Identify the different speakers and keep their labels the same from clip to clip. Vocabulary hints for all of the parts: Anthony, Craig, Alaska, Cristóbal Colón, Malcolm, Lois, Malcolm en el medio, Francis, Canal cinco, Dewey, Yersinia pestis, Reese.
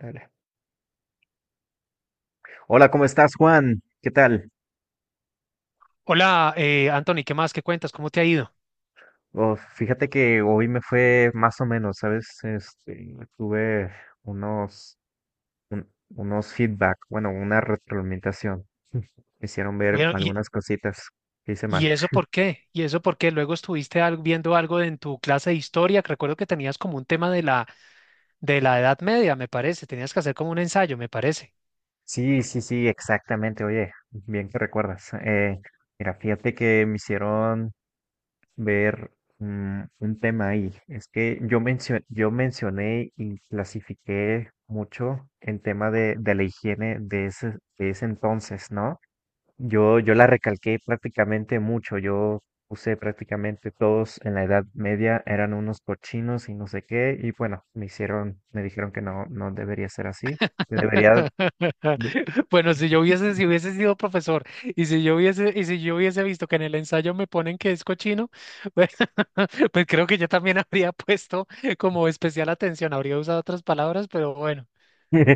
Speaker 1: Dale. Hola, ¿cómo estás, Juan? ¿Qué tal?
Speaker 2: Hola, Anthony, ¿qué más? ¿Qué cuentas? ¿Cómo te ha ido?
Speaker 1: Oh, fíjate que hoy me fue más o menos, ¿sabes? Este, tuve unos, unos feedback, bueno, una retroalimentación. Me hicieron ver
Speaker 2: Bueno, ¿y,
Speaker 1: algunas cositas que hice mal.
Speaker 2: y eso por qué? ¿Y eso por qué? Luego estuviste viendo algo de en tu clase de historia, que recuerdo que tenías como un tema de la Edad Media, me parece. Tenías que hacer como un ensayo, me parece.
Speaker 1: Sí, sí, sí, exactamente. Oye, bien que recuerdas. Mira, fíjate que me hicieron ver un tema ahí. Es que yo mencioné y clasifiqué mucho en tema de la higiene de ese entonces, ¿no? Yo la recalqué prácticamente mucho. Yo puse prácticamente todos en la Edad Media eran unos cochinos y no sé qué. Y bueno, me hicieron, me dijeron que no, no debería ser así. que Debería,
Speaker 2: Bueno, si hubiese sido profesor y y si yo hubiese visto que en el ensayo me ponen que es cochino, pues, pues creo que yo también habría puesto como especial atención, habría usado otras palabras, pero bueno,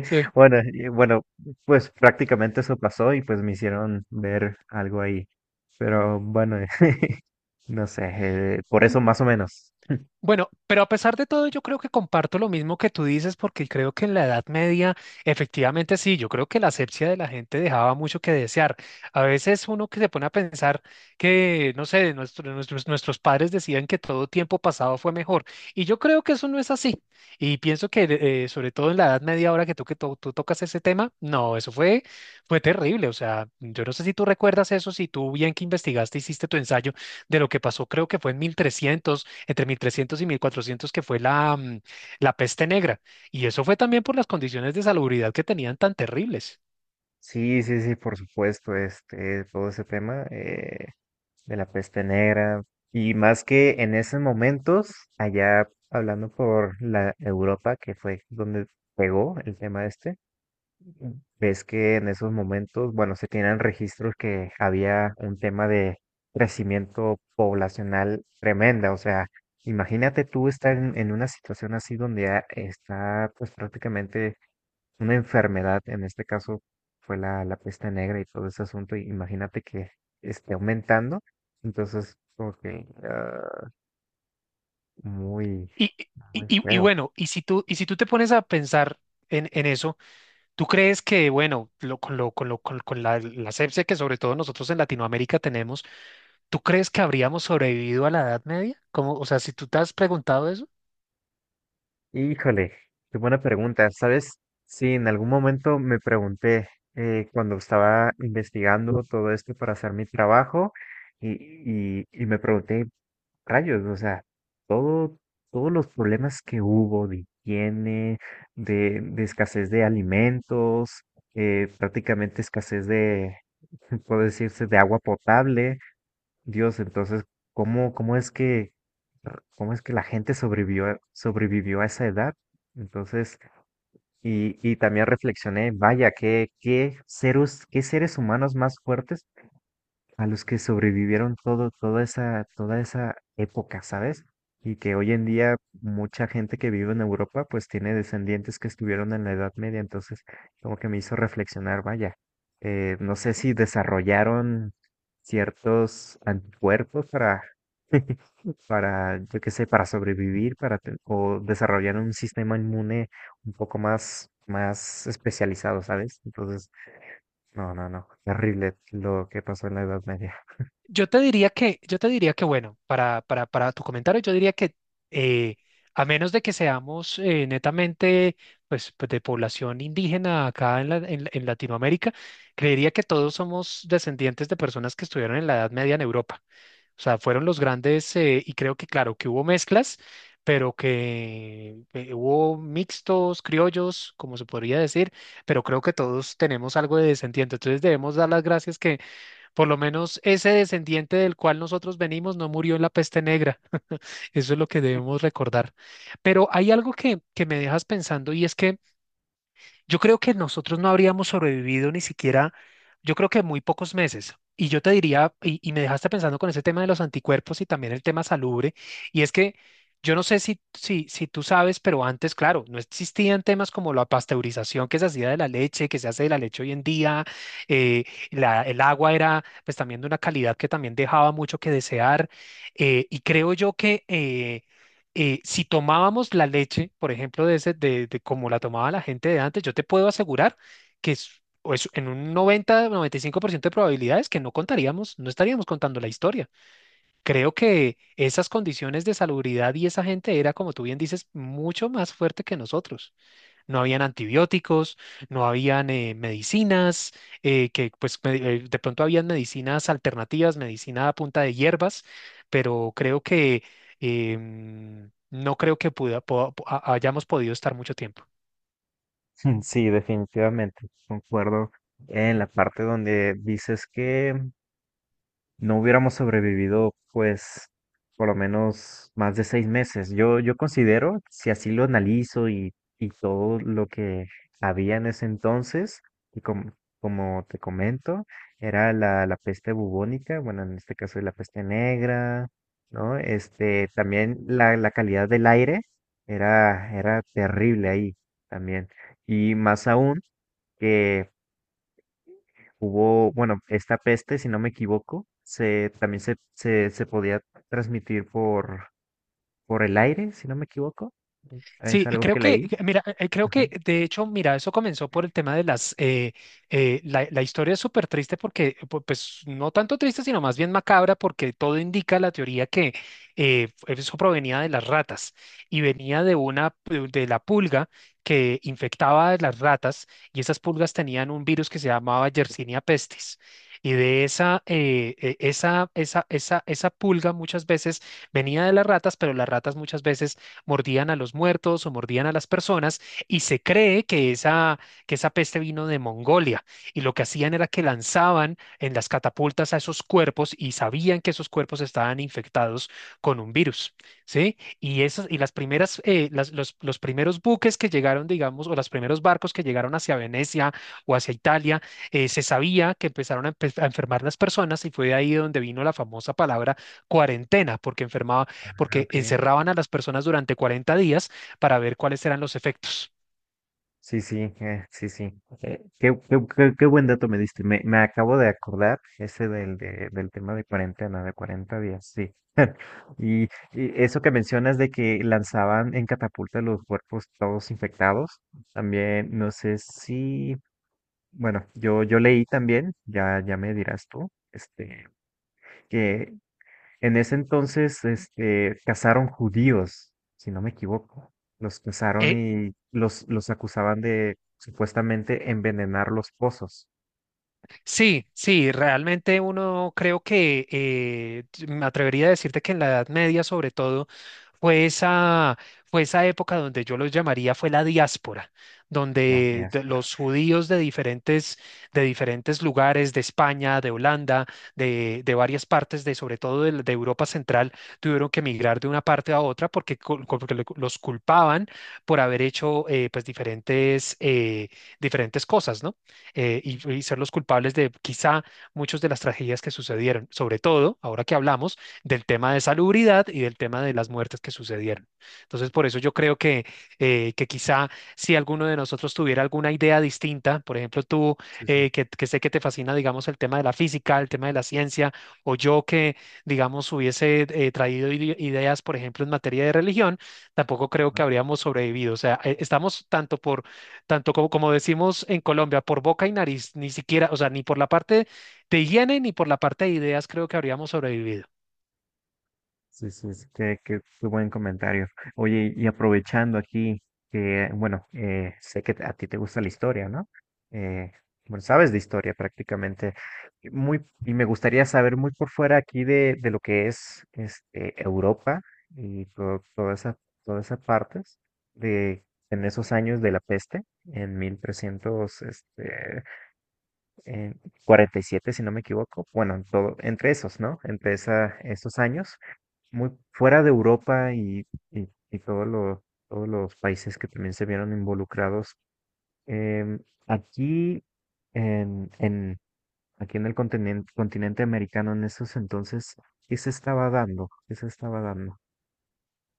Speaker 2: sí.
Speaker 1: Bueno, y bueno, pues prácticamente eso pasó y pues me hicieron ver algo ahí. Pero bueno, no sé, por eso más o menos.
Speaker 2: Bueno, pero a pesar de todo, yo creo que comparto lo mismo que tú dices, porque creo que en la Edad Media, efectivamente sí, yo creo que la asepsia de la gente dejaba mucho que desear. A veces uno que se pone a pensar que, no sé, nuestros padres decían que todo tiempo pasado fue mejor, y yo creo que eso no es así. Y pienso que, sobre todo en la Edad Media, ahora que tú, tú tocas ese tema, no, eso fue terrible. O sea, yo no sé si tú recuerdas eso, si tú bien que investigaste, hiciste tu ensayo de lo que pasó, creo que fue en 1300 entre 1300 y 1400, que fue la peste negra. Y eso fue también por las condiciones de salubridad que tenían tan terribles.
Speaker 1: Sí, sí, sí, por supuesto, este, todo ese tema de la peste negra. Y más que en esos momentos, allá hablando por la Europa, que fue donde pegó el tema este. Ves que en esos momentos, bueno, se tienen registros que había un tema de crecimiento poblacional tremenda. O sea, imagínate tú estar en una situación así donde está pues prácticamente una enfermedad, en este caso fue la, la peste negra y todo ese asunto, y imagínate que esté aumentando. Entonces, como que muy,
Speaker 2: Y, y,
Speaker 1: muy
Speaker 2: y- y
Speaker 1: feo.
Speaker 2: bueno, y si tú te pones a pensar en eso, ¿tú crees que, bueno, la asepsia que sobre todo nosotros en Latinoamérica tenemos, tú crees que habríamos sobrevivido a la Edad Media? Como, o sea, si tú te has preguntado eso.
Speaker 1: Híjole, qué buena pregunta. ¿Sabes? Sí, en algún momento me pregunté cuando estaba investigando todo esto para hacer mi trabajo y me pregunté, rayos, o sea, todo, todos los problemas que hubo de higiene, de escasez de alimentos, prácticamente escasez de, puede decirse, de agua potable. Dios, entonces, ¿cómo, cómo es que la gente sobrevivió, sobrevivió a esa edad? Entonces, y también reflexioné, vaya, qué, qué seres humanos más fuertes a los que sobrevivieron todo, toda esa época, ¿sabes? Y que hoy en día mucha gente que vive en Europa pues tiene descendientes que estuvieron en la Edad Media, entonces como que me hizo reflexionar, vaya, no sé si desarrollaron ciertos anticuerpos para, para, yo qué sé, para sobrevivir, o desarrollaron un sistema inmune un poco más, más especializado, ¿sabes? Entonces, no, no, no, terrible lo que pasó en la Edad Media.
Speaker 2: Yo te diría que bueno, para tu comentario, yo diría que eh, a menos de que seamos netamente de población indígena acá en Latinoamérica, creería que todos somos descendientes de personas que estuvieron en la Edad Media en Europa. O sea, fueron los grandes, y creo que claro, que hubo mezclas, pero que hubo mixtos, criollos, como se podría decir, pero creo que todos tenemos algo de descendiente. Entonces debemos dar las gracias por lo menos ese descendiente del cual nosotros venimos no murió en la peste negra. Eso es lo que debemos recordar. Pero hay algo que me dejas pensando y es que yo creo que nosotros no habríamos sobrevivido ni siquiera, yo creo que muy pocos meses. Y yo te diría, y me dejaste pensando con ese tema de los anticuerpos y también el tema salubre, y es que yo no sé si tú sabes, pero antes, claro, no existían temas como la pasteurización que se hacía de la leche, que se hace de la leche hoy en día, eh, el agua era pues también de una calidad que también dejaba mucho que desear, y creo yo que si tomábamos la leche, por ejemplo, de como la tomaba la gente de antes, yo te puedo asegurar que es, o es en un noventa, noventa y cinco por ciento de probabilidades que no contaríamos, no estaríamos contando la historia. Creo que esas condiciones de salubridad y esa gente era, como tú bien dices, mucho más fuerte que nosotros. No habían antibióticos, no habían medicinas, de pronto habían medicinas alternativas, medicina a punta de hierbas, pero creo que no creo que hayamos podido estar mucho tiempo.
Speaker 1: Sí, definitivamente, concuerdo en la parte donde dices que no hubiéramos sobrevivido, pues, por lo menos más de 6 meses. Yo, yo considero, si así lo analizo y todo lo que había en ese entonces, y como te comento, era la, la peste bubónica, bueno, en este caso la peste negra, ¿no? Este, también la calidad del aire era, era terrible ahí también. Y más aún que hubo, bueno, esta peste, si no me equivoco, también se podía transmitir por el aire, si no me equivoco. Es
Speaker 2: Sí,
Speaker 1: algo
Speaker 2: creo
Speaker 1: que
Speaker 2: que,
Speaker 1: leí.
Speaker 2: mira, creo
Speaker 1: Ajá.
Speaker 2: que de hecho, mira, eso comenzó por el tema la historia es súper triste porque, pues, no tanto triste, sino más bien macabra, porque todo indica la teoría que eso provenía de las ratas y venía de de la pulga que infectaba a las ratas, y esas pulgas tenían un virus que se llamaba Yersinia pestis. Y de esa pulga muchas veces venía de las ratas, pero las ratas muchas veces mordían a los muertos o mordían a las personas, y se cree que que esa peste vino de Mongolia, y lo que hacían era que lanzaban en las catapultas a esos cuerpos, y sabían que esos cuerpos estaban infectados con un virus, ¿sí? Los primeros buques que llegaron, digamos, o los primeros barcos que llegaron hacia Venecia o hacia Italia, se sabía que empezaron a enfermar las personas, y fue de ahí donde vino la famosa palabra cuarentena, porque enfermaban,
Speaker 1: Ah,
Speaker 2: porque
Speaker 1: ok.
Speaker 2: encerraban a las personas durante 40 días para ver cuáles eran los efectos.
Speaker 1: Sí, sí, sí, sí. Qué buen dato me diste. Me acabo de acordar ese del tema de cuarentena, de 40 días, sí. Y, y eso que mencionas de que lanzaban en catapulta los cuerpos todos infectados, también no sé si. Bueno, yo leí también, ya, ya me dirás tú, este, que en ese entonces, este, cazaron judíos, si no me equivoco. Los cazaron
Speaker 2: Eh,
Speaker 1: y los acusaban de supuestamente envenenar los pozos.
Speaker 2: sí, sí, realmente uno creo que me atrevería a decirte que en la Edad Media, sobre todo, Fue esa, fue esa época donde yo los llamaría fue la diáspora,
Speaker 1: La
Speaker 2: donde
Speaker 1: diáspora.
Speaker 2: los judíos de diferentes lugares, de España, de Holanda, de varias partes, de, sobre todo de Europa Central, tuvieron que emigrar de una parte a otra, porque porque los culpaban por haber hecho pues diferentes, diferentes cosas, ¿no? Y ser los culpables de quizá muchas de las tragedias que sucedieron, sobre todo ahora que hablamos del tema de salubridad y del tema de las muertes que sucedieron. Entonces, por eso yo creo que quizá si alguno de nosotros tuviera alguna idea distinta, por ejemplo tú,
Speaker 1: Sí, sí.
Speaker 2: que sé que te fascina, digamos, el tema de la física, el tema de la ciencia, o yo que, digamos, hubiese traído ideas, por ejemplo, en materia de religión, tampoco creo que habríamos sobrevivido. O sea, estamos tanto por, tanto como decimos en Colombia, por boca y nariz, ni siquiera, o sea, ni por la parte de higiene ni por la parte de ideas creo que habríamos sobrevivido.
Speaker 1: Sí, sí, sí, qué buen comentario. Oye, y aprovechando aquí, que, bueno, sé que a ti te gusta la historia, ¿no? Eh, bueno, sabes de historia prácticamente. Y y me gustaría saber muy por fuera aquí de lo que es este, Europa y todo, toda esa, todas esas partes de en esos años de la peste, en 1300 este en 47 si no me equivoco. Bueno, en todo, entre esos, ¿no? Entre esa, esos años muy fuera de Europa y todos los países que también se vieron involucrados. em, aquí, en, en, aquí en el continente, continente americano, en esos entonces, ¿qué se estaba dando? ¿Qué se estaba dando?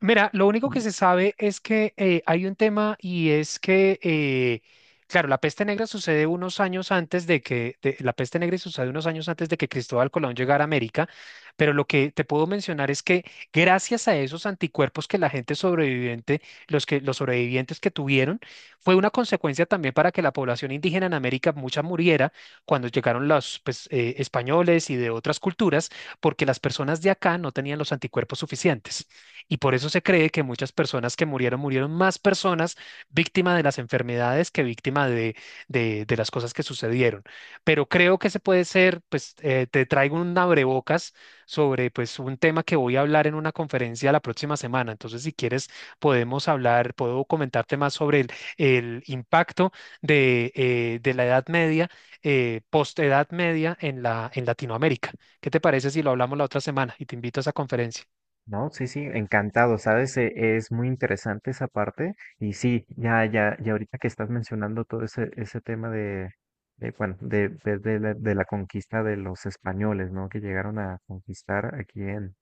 Speaker 2: Mira, lo único que
Speaker 1: Y,
Speaker 2: se sabe es que hay un tema y es que, claro, la peste negra sucede unos años antes de que, la peste negra sucede unos años antes de que Cristóbal Colón llegara a América, pero lo que te puedo mencionar es que gracias a esos anticuerpos que la gente sobreviviente, los sobrevivientes que tuvieron, fue una consecuencia también para que la población indígena en América mucha muriera cuando llegaron los españoles y de otras culturas, porque las personas de acá no tenían los anticuerpos suficientes. Y por eso se cree que muchas personas que murieron, murieron más personas víctimas de las enfermedades que víctimas de las cosas que sucedieron. Pero creo que se puede ser, pues te traigo un abrebocas sobre pues un tema que voy a hablar en una conferencia la próxima semana. Entonces, si quieres, podemos hablar, puedo comentarte más sobre el impacto de la Edad Media, post-Edad Media en en Latinoamérica. ¿Qué te parece si lo hablamos la otra semana? Y te invito a esa conferencia.
Speaker 1: no, sí, sí, encantado, ¿sabes? Es muy interesante esa parte. Y sí, ya, ya, ya ahorita que estás mencionando todo ese, ese tema de, bueno, de la conquista de los españoles, ¿no? Que llegaron a conquistar aquí en,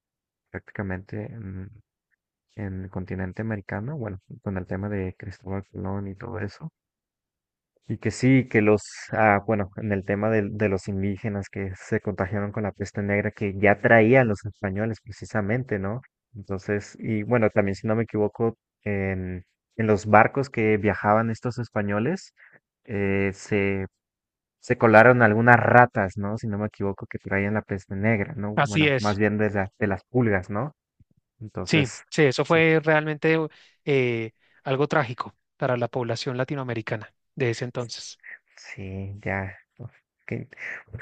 Speaker 1: prácticamente en el continente americano, bueno, con el tema de Cristóbal Colón y todo eso. Y que sí, que los, ah, bueno, en el tema de los indígenas que se contagiaron con la peste negra que ya traían los españoles precisamente, ¿no? Entonces, y bueno, también si no me equivoco, en, en los barcos que viajaban estos españoles, eh, se, se colaron algunas ratas, ¿no? Si no me equivoco, que traían la peste negra, ¿no?
Speaker 2: Así
Speaker 1: Bueno, más
Speaker 2: es.
Speaker 1: bien de las pulgas, ¿no?
Speaker 2: Sí,
Speaker 1: Entonces,
Speaker 2: sí, eso
Speaker 1: sí,
Speaker 2: fue realmente eh, algo trágico para la población latinoamericana de ese entonces.
Speaker 1: sí, ya. Uf, que-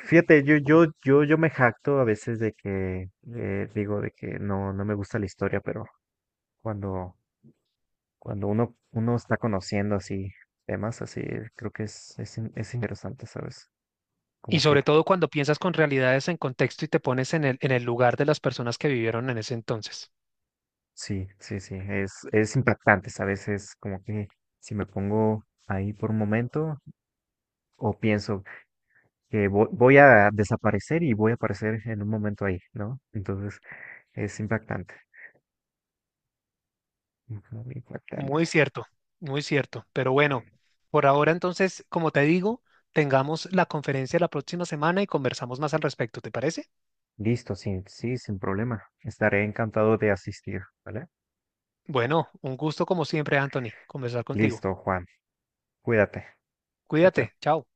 Speaker 1: fíjate, yo me jacto a veces de que digo de que no, no me gusta la historia, pero cuando, cuando uno, uno está conociendo así temas así, creo que es, es interesante, ¿sabes?
Speaker 2: Y
Speaker 1: Como que
Speaker 2: sobre todo cuando piensas con realidades en contexto y te pones en en el lugar de las personas que vivieron en ese entonces.
Speaker 1: sí, sí, sí, es impactante, ¿sabes? Es como que si me pongo ahí por un momento o pienso que voy a desaparecer y voy a aparecer en un momento ahí, ¿no? Entonces es impactante, muy
Speaker 2: Muy
Speaker 1: impactante.
Speaker 2: cierto, muy cierto. Pero bueno, por ahora entonces, como te digo, tengamos la conferencia la próxima semana y conversamos más al respecto, ¿te parece?
Speaker 1: Listo, sí, sí, sin problema. Estaré encantado de asistir, ¿vale?
Speaker 2: Bueno, un gusto como siempre, Anthony, conversar contigo.
Speaker 1: Listo, Juan. Cuídate. Chao, chao.
Speaker 2: Cuídate, chao.